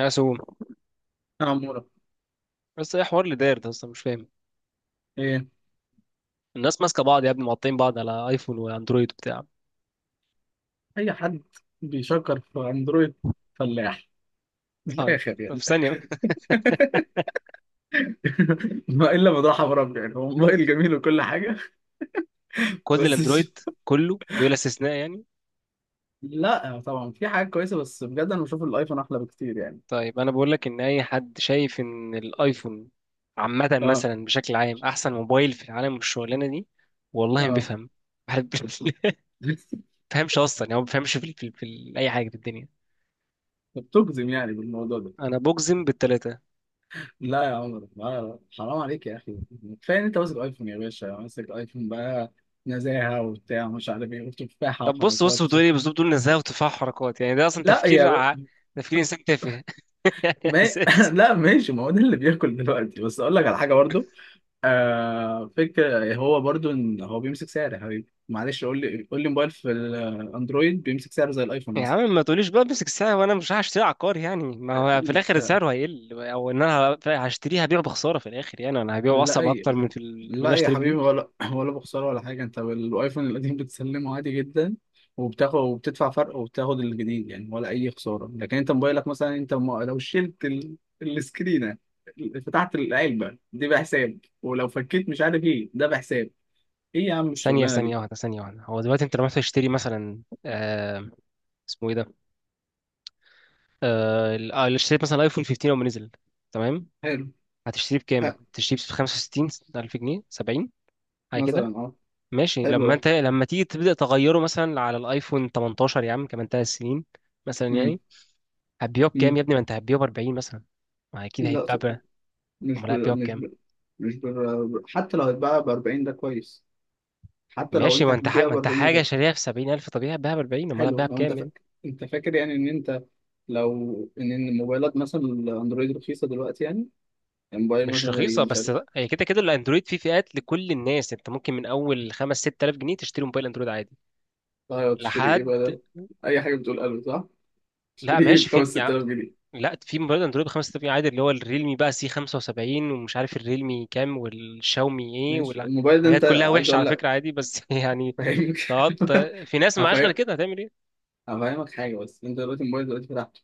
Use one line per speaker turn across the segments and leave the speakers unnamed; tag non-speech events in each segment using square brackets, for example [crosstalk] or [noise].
مقسوم.
يا عمورة،
بس ايه حوار اللي داير ده اصلا مش فاهم؟
ايه؟
الناس ماسكه بعض يا ابني، مقطعين بعض على ايفون واندرويد وبتاع.
اي حد بيشكر في اندرويد فلاح من
طيب،
الاخر يعني.
في ثانيه. [laughs]
[laughs] ما الا مدرعة برب، يعني هو موبايل جميل وكل حاجه. [laughs]
كل
بس ش-
الاندرويد، كله بلا استثناء يعني.
لا، طبعا في حاجات كويسه، بس بجد انا بشوف الايفون احلى بكتير يعني.
طيب، انا بقول لك ان اي حد شايف ان الايفون عامه،
اه،
مثلا بشكل عام، احسن موبايل في العالم والشغلانه دي، والله ما
اه.
بيفهم. واحد [laughs] ما
[laughs]
بيفهمش اصلا، يعني هو ما بيفهمش في اي حاجه في الدنيا.
بتجزم يعني بالموضوع ده؟
انا بجزم بالثلاثه.
لا يا عمر، لا لا، حرام عليك يا اخي. كفايه ان انت ماسك ايفون يا باشا، ماسك ايفون بقى، نزاهه وبتاع ومش عارف ايه وتفاحه
طب بص بص
وحركات.
بتقول ايه بص بتقول نزاهه وتفاح حركات، يعني ده
[laughs]
اصلا
لا
تفكير
يا
تفكير انسان تافه [laughs]
ما... [laughs]
اساسي.
لا، ماشي، ما هو ده اللي بياكل دلوقتي، بس اقول لك على حاجه برضو. فكره، هو برضو ان هو بيمسك سعر يا حبيبي، معلش، قول لي، قول لي موبايل في الاندرويد بيمسك سعر زي الايفون
يا
مثلا.
عم ما تقوليش بقى امسك الساعة وانا مش هشتريها عقار، يعني ما هو في الاخر
آه،
سعره هيقل، او ان انا هشتريها هبيعه بخسارة في الاخر، يعني انا هبيعه
لا
اصعب
اي.
اكتر من من اللي أنا
لا يا
اشتريه بيه.
حبيبي، ولا ولا بخساره ولا حاجه، انت الايفون القديم بتسلمه عادي جدا، وبتاخد وبتدفع فرق وبتاخد الجديد يعني، ولا اي خساره. لكن انت موبايلك مثلا، انت لو شلت السكرينه، فتحت العلبه دي بحساب، ولو فكيت مش عارف ايه ده بحساب، ايه يا عم الشغلانه دي؟
ثانية واحدة، هو دلوقتي انت لما رحت تشتري مثلا، اسمه ايه ده؟ اللي اشتريت مثلا ايفون 15 لما نزل، تمام؟
حلو.
هتشتريه
ها.
بكام؟ تشتريه ب 65 ألف جنيه، 70، حاجة كده.
مثلا، اه.
ماشي،
حلو، اه.
لما تيجي تبدأ تغيره مثلا على الايفون 18 يا عم، كمان 3 سنين مثلا
امم
يعني. هتبيعه بكام
امم
يا ابني؟ ما انت هتبيعه ب 40 مثلا، ما اكيد
لا،
هيتباع
طب
ب-
مش ب...
امال هتبيعه
مش
بكام؟
ب... مش ب... حتى لو هتباع ب 40 ده كويس، حتى لو
ماشي،
انت
ما انت حاجة
هتبيع
ما
ب
انت
40 ده
حاجة
كده.
شاريها في 70000، طبيعي هتبيعها ب 40، امال
حلو،
هتبيعها
لو انت
بكام
فاكر،
يعني.
يعني ان انت، لو ان الموبايلات مثلا الاندرويد رخيصه دلوقتي يعني، الموبايل
مش
مثلا زي
رخيصة،
مش
بس
عارف.
هي كده كده الاندرويد فيه فئات لكل الناس، انت ممكن من اول 5، 6000 جنيه تشتري موبايل اندرويد عادي
طيب تشتري ايه بقى ده؟
لحد.
اي حاجه بتقول قلب صح.
لا
تشتري ايه
ماشي،
ب 5
في يعني،
6000 جنيه؟
لا، في موبايل اندرويد ب 5000 جنيه عادي، اللي هو الريلمي بقى سي 75، ومش عارف الريلمي كام والشاومي ايه
ماشي
ولا
الموبايل ده،
حاجات،
انت
كلها
عايز
وحشة
اقول
على
لك.
فكرة عادي بس [laughs] يعني.
فاهمك.
تقعد،
[laughs]
في ناس معاش غير
هفهم.
كده، هتعمل إيه؟
انا فاهمك حاجه، بس انت دلوقتي الموبايل دلوقتي فتحته،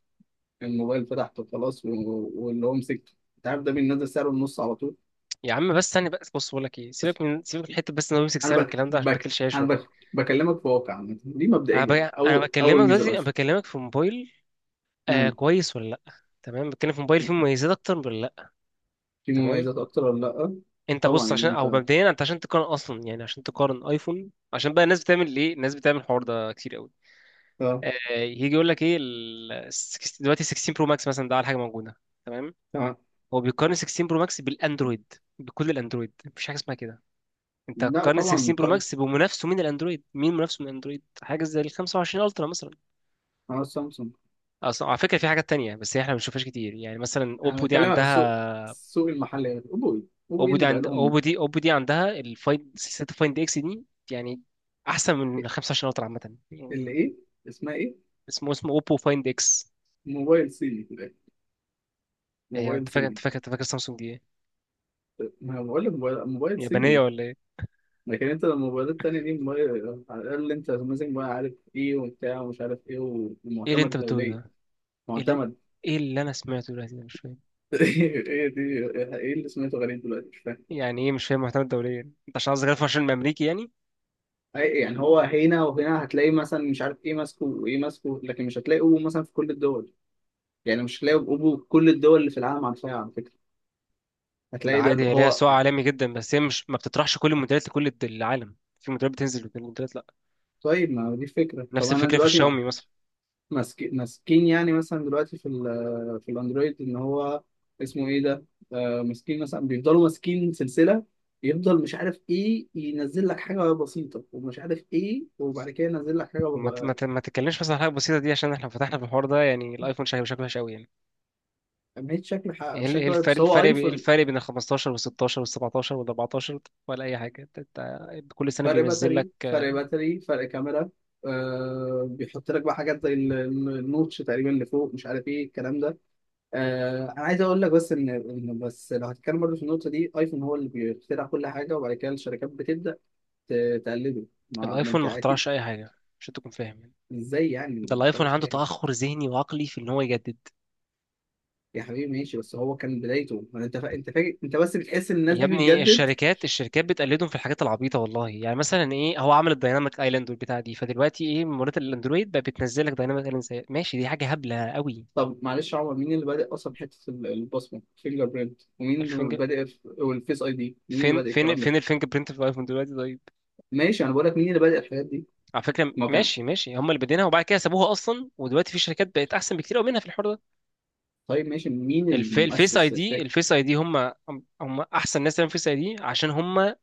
الموبايل فتحته خلاص، واللي هو مسكته انت عارف ده بينزل سعره النص على طول.
يا عم بس ثانية، بس بص بقول لك ايه، سيبك من حتة بس ان هو يمسك
انا
سعر
بك
والكلام ده، عشان
بك
باكلش عيش
انا
والله.
بك بكلمك في واقع عامة. دي
انا ب...
مبدئيا
انا
اول اول
بكلمك
ميزه
دلوقتي،
الاشهر.
بكلمك في موبايل، آه
امم
كويس ولا لا، تمام؟ بتكلم في موبايل فيه مميزات اكتر ولا لا،
في
تمام؟
مميزات اكتر ولا لا.
انت
طبعا
بص،
يعني
عشان او
انت،
مبدئيا، انت عشان تقارن اصلا، يعني عشان تقارن ايفون، عشان بقى الناس بتعمل ايه، الناس بتعمل الحوار ده كتير قوي.
اه
آه، يجي يقول لك ايه دلوقتي 16 برو ماكس مثلا ده على حاجة موجودة، تمام؟
تمام.
هو بيقارن 16 برو ماكس بالاندرويد، بكل الاندرويد، مفيش حاجة اسمها كده. انت
لا
هتقارن
طبعا
16 برو
مقارنة.
ماكس بمنافسه من الاندرويد. مين منافسه من الاندرويد؟ حاجه زي ال 25 الترا مثلا.
انا سامسونج.
اصلا على فكره في حاجات تانية بس هي احنا ما بنشوفهاش كتير، يعني مثلا
انا
اوبو دي
بكلمك عن السوق،
عندها.
السوق المحلي. اوبو ايه؟ اللي بقى لهم؟
اوبو دي عندها الفايند، سلسله الفايند اكس دي يعني، احسن من
إيه،
ال 25 الترا عامه
اللي
يعني.
ايه؟ اسمها ايه؟
اسمه اوبو فايند اكس.
موبايل صيني في الآخر.
هي،
موبايل صيني.
انت فاكر سامسونج دي ايه؟
ما أنا بقول لك موبايل موبايل
يابانيه
صيني.
ولا ايه؟
لكن انت لما الموبايلات التانية دي موبايل، على الأقل انت ماسك بقى، عارف ايه وبتاع ومش عارف ايه،
ايه اللي انت
ومعتمد
بتقوله
دوليا.
ده؟ ايه اللي
معتمد.
ايه اللي انا سمعته دلوقتي ده؟ مش فاهم.
[laughs] ايه دي؟ ايه اللي سمعته؟ غريب دلوقتي، مش فاهم.
يعني ايه مش فاهم محتوى الدوليه؟ انت عشان قصدك 25 امريكي يعني؟
يعني هو هنا وهنا هتلاقي مثلا مش عارف ايه ماسكه وايه ماسكه، لكن مش هتلاقي اوبو مثلا في كل الدول، يعني مش هتلاقي اوبو في كل الدول اللي في العالم عارفاها على فكرة.
لا
هتلاقي ده
عادي، هي ليها
هو.
سوق عالمي جدا، بس هي مش ما بتطرحش كل الموديلات لكل العالم، في موديلات بتنزل وفي موديلات لا.
طيب ما هو دي الفكرة، طب
نفس
انا
الفكره في
دلوقتي
الشاومي مثلا.
ماسكين، يعني مثلا دلوقتي في الاندرويد ان هو، اسمه ايه ده، ماسكين مثلا بيفضلوا ماسكين سلسله، يفضل مش عارف ايه، ينزل لك حاجه بسيطه ومش عارف ايه، وبعد كده ينزل لك حاجه بسيطة.
ما تتكلمش مثلا عن حاجه بسيطه دي، عشان احنا لو فتحنا في الحوار ده، يعني الايفون شكله شكله وحش قوي يعني.
أهمية شكل
ايه ال- إيه
شكل واحد.
الفرق
بس هو
الفرق بي- ايه
ايفون،
الفرق بين ال 15 وال 16 وال 17 وال 14، ولا اي حاجه؟ انت كل سنه
فرق
بينزل لك.
باتري، فرق كاميرا، بيحط لك بقى حاجات زي النوتش تقريبا اللي فوق مش عارف ايه الكلام ده. انا عايز اقول لك بس ان بس لو هتتكلم برضه في النقطه دي، ايفون هو اللي بيخترع كل حاجه، وبعد كده الشركات بتبدا تقلده. ما
الايفون
انت
ما
اكيد.
اخترعش اي حاجه، عشان تكون فاهم يعني.
ازاي يعني
ده
ما
الايفون
تختارهاش
عنده
يعني؟
تاخر ذهني وعقلي في ان هو يجدد.
يا حبيبي ماشي، بس هو كان بدايته، ما انت فاكر، انت بس بتحس ان الناس
يا
دي
ابني
بتجدد.
الشركات بتقلدهم في الحاجات العبيطه، والله يعني مثلا، ايه، هو عمل الدايناميك ايلاند والبتاع دي، فدلوقتي ايه، منات الاندرويد بقى بتنزل لك دايناميك ايلاند زي ماشي، دي حاجه هبله قوي.
طب معلش يا عمر، مين اللي بادئ اصلا في حته البصمه، فينجر برينت، ومين اللي
الفينجر
بادئ والفيس اي دي، مين اللي
فين
بادئ
فين
الكلام ده؟
فين الفينجر برينت في الايفون دلوقتي، طيب؟
ماشي، انا بقول لك مين اللي بادئ الحاجات دي.
على فكره
ما هو كان.
ماشي ماشي، هم اللي بادينها وبعد كده سابوها اصلا، ودلوقتي في شركات بقت احسن بكتير قوي منها في الحوار ده.
طيب ماشي، مين المؤسس الفكر؟
الفيس اي دي هم احسن ناس تعمل فيس اي دي، عشان هم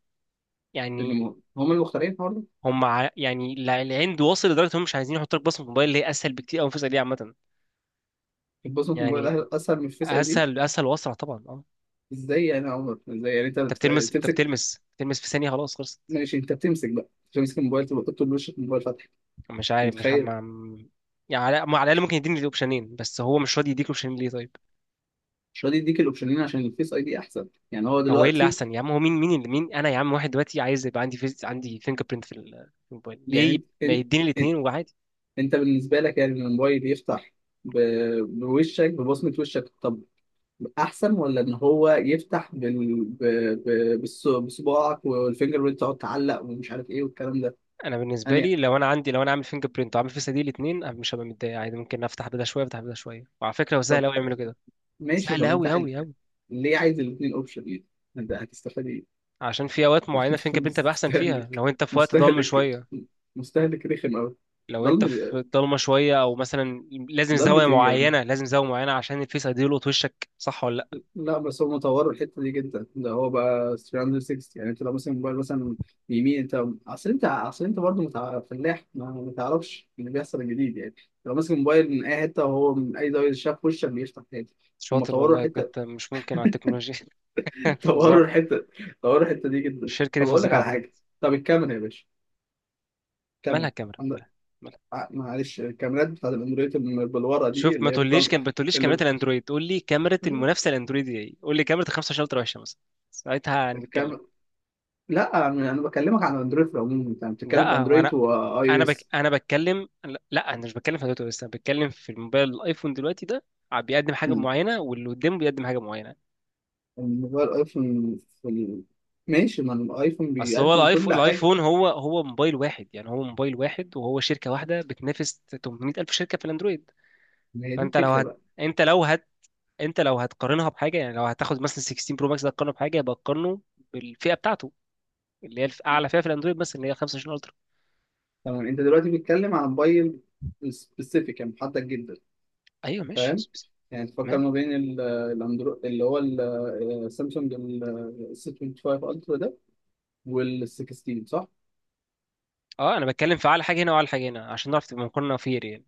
يعني،
هم المخترعين الحوار ده.
يعني العند واصل لدرجه هم مش عايزين يحطوا لك بصمه موبايل، اللي هي اسهل بكتير قوي من فيس اي دي عامه
البصمه في الموبايل
يعني.
اسهل من الفيس اي دي.
اسهل اسهل واسرع طبعا، اه.
ازاي يعني يا عمر؟ ازاي يعني انت
انت بتلمس انت
تمسك؟
بتلمس بتلمس في ثانيه، خلاص خلصت.
ماشي انت بتمسك بقى، تمسك الموبايل تبقى تحط له وشك الموبايل؟ انت
مش عارف، مش هم
متخيل؟
يعني. على ما على الاقل ممكن يديني الاوبشنين، بس هو مش راضي يديك الاوبشنين، ليه طيب؟
مش راضي يديك الاوبشنين عشان الفيس اي دي احسن، يعني هو
هو ايه اللي
دلوقتي.
احسن يا عم؟ هو مين انا يا عم؟ واحد دلوقتي عايز يبقى عندي فينجر برينت في الموبايل، ليه
يعني
ما
انت،
يديني الاثنين
انت,
وعادي؟
بالنسبه لك، يعني إن الموبايل يفتح بوشك، ببصمه وشك، طب احسن؟ ولا ان هو يفتح بال... ب... ب... بالص- بصباعك، والفينجر بريد تقعد تعلق ومش عارف ايه والكلام ده
انا بالنسبه لي،
يعني.
لو انا عامل فينجر برينت وعامل فيس دي الاثنين، انا مش هبقى متضايق عادي، ممكن افتح بدا شويه، افتح بدا شويه، وعلى فكره هو سهل
طب
قوي يعملوا كده.
ماشي،
سهل
طب انت
قوي
عايز-،
قوي قوي.
ليه عايز الاثنين اوبشن يعني؟ انت هتستفاد ايه؟
عشان في اوقات
[laughs]
معينه
انت
فينجر برينت هيبقى احسن فيها،
مستهلك،
لو انت في وقت ضلمه
مستهلك،
شويه،
مستهلك رخم قوي.
لو انت
ضلمة؟
في ضلمه شويه، او مثلا لازم
ضلمة
زاويه
ايه يعني؟
معينه، لازم زاويه معينه عشان الفيس ايدي يلقط وشك، صح ولا لا؟
لا، بس هم طوروا الحته دي جدا، ده هو بقى 360 يعني، انت لو مثلا موبايل مثلا، يمين، انت برضه متع...، فلاح، ما تعرفش اللي بيحصل الجديد يعني. لو ماسك موبايل من اي حته وهو من اي زاويه شاف وشك بيفتح تاني. هم
شاطر،
طوروا
والله
الحته.
بجد مش ممكن على التكنولوجيا.
[laughs]
[laughs] فظاع.
طوروا الحته، طوروا الحته دي جدا.
الشركه دي
طب اقول لك
فظيعه
على
بجد.
حاجه. طب الكاميرا يا باشا،
مالها
الكاميرا،
كاميرا؟
عندك،
مالها مالها؟
معلش الكاميرات بتاعت الاندرويد اللي بالورقه
شوف،
دي اللي هي بتطلع،
ما تقوليش كاميرا
اللي...
الاندرويد، قول لي كاميرا
[laughs]
المنافسه الاندرويد دي ايه، قول لي كاميرا ال 25 الترا وحشه مثلا، ساعتها انا بتكلم.
الكاميرا. لا انا، بكلمك عن اندرويد في العموم، انت بتتكلم في
لا، هو انا،
اندرويد واي او اس.
انا بتكلم، لا لا، انا مش بتكلم في دلوقتي، بس انا بتكلم في الموبايل الايفون دلوقتي ده، بيقدم حاجه
مم.
معينه واللي قدامه بيقدم حاجه معينه.
الموبايل ايفون في ال... ماشي، ما الايفون
اصل هو
بيقدم
الايفون،
كل حاجه.
هو موبايل واحد يعني، هو موبايل واحد وهو شركه واحده بتنافس 800 الف شركه في الاندرويد.
ما هي دي
فانت لو
الفكره
هت
بقى.
انت لو هت انت لو هتقارنها بحاجه، يعني لو هتاخد مثلا 16 برو ماكس ده تقارنه بحاجه، يبقى تقارنه بالفئه بتاعته، اللي هي اعلى فئه في الاندرويد، بس اللي هي 25 الترا.
تمام، انت دلوقتي بتتكلم عن موبايل سبيسيفيك، يعني محدد جدا.
ايوه ماشي،
فاهم. يعني تفكر
تمام.
ما بين الاندرو اللي هو سامسونج ال 625 الترا ده، وال 16 صح.
اه، انا بتكلم في اعلى حاجه هنا واعلى حاجه هنا، عشان نعرف تبقى مقارنه فير يعني.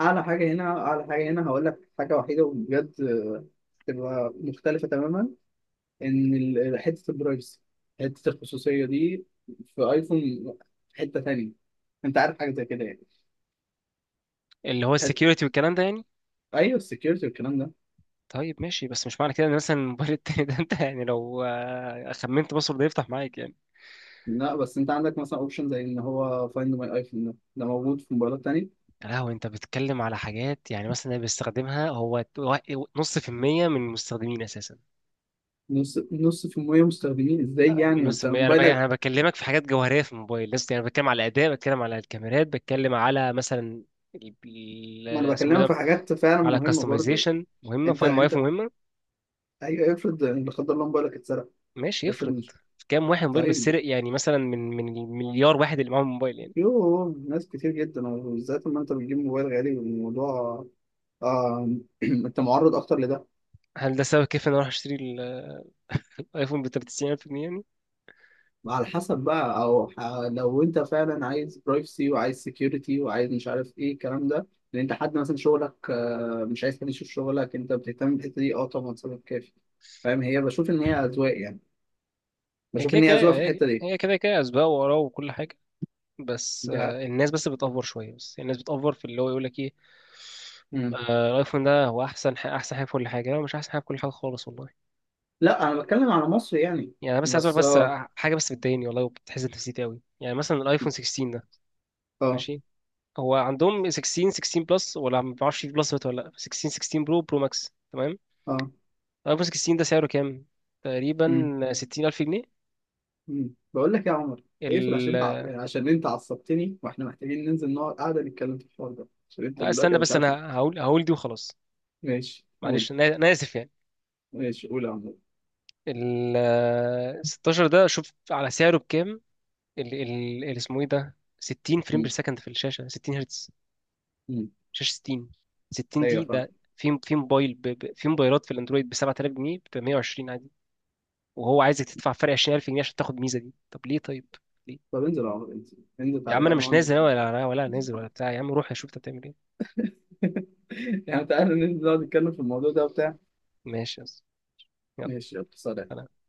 اعلى حاجه هنا، اعلى حاجه هنا هقول لك حاجه وحيده وبجد تبقى مختلفه تماما، ان حته البرايفسي، حته الخصوصيه دي في ايفون حته تانية، انت عارف حاجه زي كده يعني؟
اللي هو
حت...
السكيورتي والكلام ده يعني.
ايوه السكيورتي والكلام ده.
طيب ماشي، بس مش معنى كده ان مثلا الموبايل التاني ده، انت يعني لو خمنت باسورد يفتح معاك يعني.
لا بس انت عندك مثلا اوبشن زي ان هو فايند ماي ايفون، ده موجود في موبايلات تانية.
يا لهوي، انت بتتكلم على حاجات، يعني مثلا اللي بيستخدمها هو نص في المية من المستخدمين اساسا.
نص، نص في المية مستخدمين ازاي يعني؟
نص في
انت
المية، يعني
موبايلك،
انا بكلمك في حاجات جوهرية في الموبايل لسه يعني، بتكلم على الاداء، بتكلم على الكاميرات، بتكلم على مثلا
ما انا
اسمه إيه
بكلمك
ده،
في حاجات فعلا
على
مهمه برضو.
كاستمايزيشن مهمة، فاين ماي ايفون
انت.
مهمة.
ايوه افرض لا قدر الله موبايلك اتسرق.
ماشي،
افرض
افرض.
مش.
كام واحد موبايل
طيب،
بيتسرق يعني مثلا، من المليار واحد اللي معاهم موبايل يعني.
يوه ناس كتير جدا، وبالذات لما انت بتجيب موبايل غالي والموضوع، [clears throat] انت معرض اكتر لده.
هل ده سبب كيف ان انا اروح اشتري الايفون ب 93000 جنيه يعني؟
على حسب بقى، او لو انت فعلا عايز برايفسي وعايز سكيورتي وعايز مش عارف ايه الكلام ده، لان انت حد مثلا شغلك، مش عايز حد يشوف شغلك، انت بتهتم بالحته دي، اه طبعا سبب كافي. فاهم. هي بشوف ان هي اذواق يعني،
هي
بشوف
كده
ان هي
كده،
اذواق في
هي
الحته دي.
هي كده كده اسباب وراه وكل حاجة. بس
دي حقيقة.
الناس بس بتأفور شوية، بس الناس بتأفور في اللي هو يقول لك ايه،
مم.
الايفون ده هو احسن احسن حاجة في كل حاجة. لا، مش احسن حاجة في كل حاجة خالص والله
لا انا بتكلم على مصر يعني.
يعني. انا بس عايز اقول
بس
بس
اه،
حاجة بس بتضايقني والله، وبتحزن نفسيتي قوي يعني، مثلا الايفون 16 ده،
اه،
ماشي. هو عندهم 16، 16 بلس، ولا ما بعرفش في بلس ولا لا، 16، 16 برو، ماكس، تمام.
اه.
الايفون 16 ده سعره كام؟
مم.
تقريبا 60000 جنيه.
مم. بقول لك يا عمر، اقفل، عشان
ال...
انت عشان انت عصبتني، واحنا محتاجين ننزل نقعد قاعده نتكلم في الحوار ده، عشان انت
لا
دلوقتي
استنى
انا مش
بس،
عارف.
انا هقول دي وخلاص.
ماشي قول
معلش، انا اسف يعني.
ماشي قول يا عمرو.
ال 16 ده شوف على سعره بكام، اسمه ايه ده، 60 فريم بير
مم.
سكند في الشاشه، 60 هرتز،
مم.
شاشه 60، 60
ايوه
دي،
فاهم.
ده في موبايل، في موبايلات في الاندرويد ب 7000 جنيه، ب 120 عادي. وهو عايزك تدفع فرق 20000 جنيه عشان تاخد الميزه دي، طب ليه؟ طيب ليه؟
طب انزل يا عمرو، انزل، انزل،
يا
تعالى
عم انا
بقى
مش
نقعد
نازل أنا،
نتكلم.
ولا نازل ولا بتاع، يا عم روح اشوف انت بتعمل ايه.
[laughs] يعني تعالى ننزل نقعد نتكلم في الموضوع ده وبتاع.
ماشي يا أسطى.
ماشي يلا سلام.
يلا.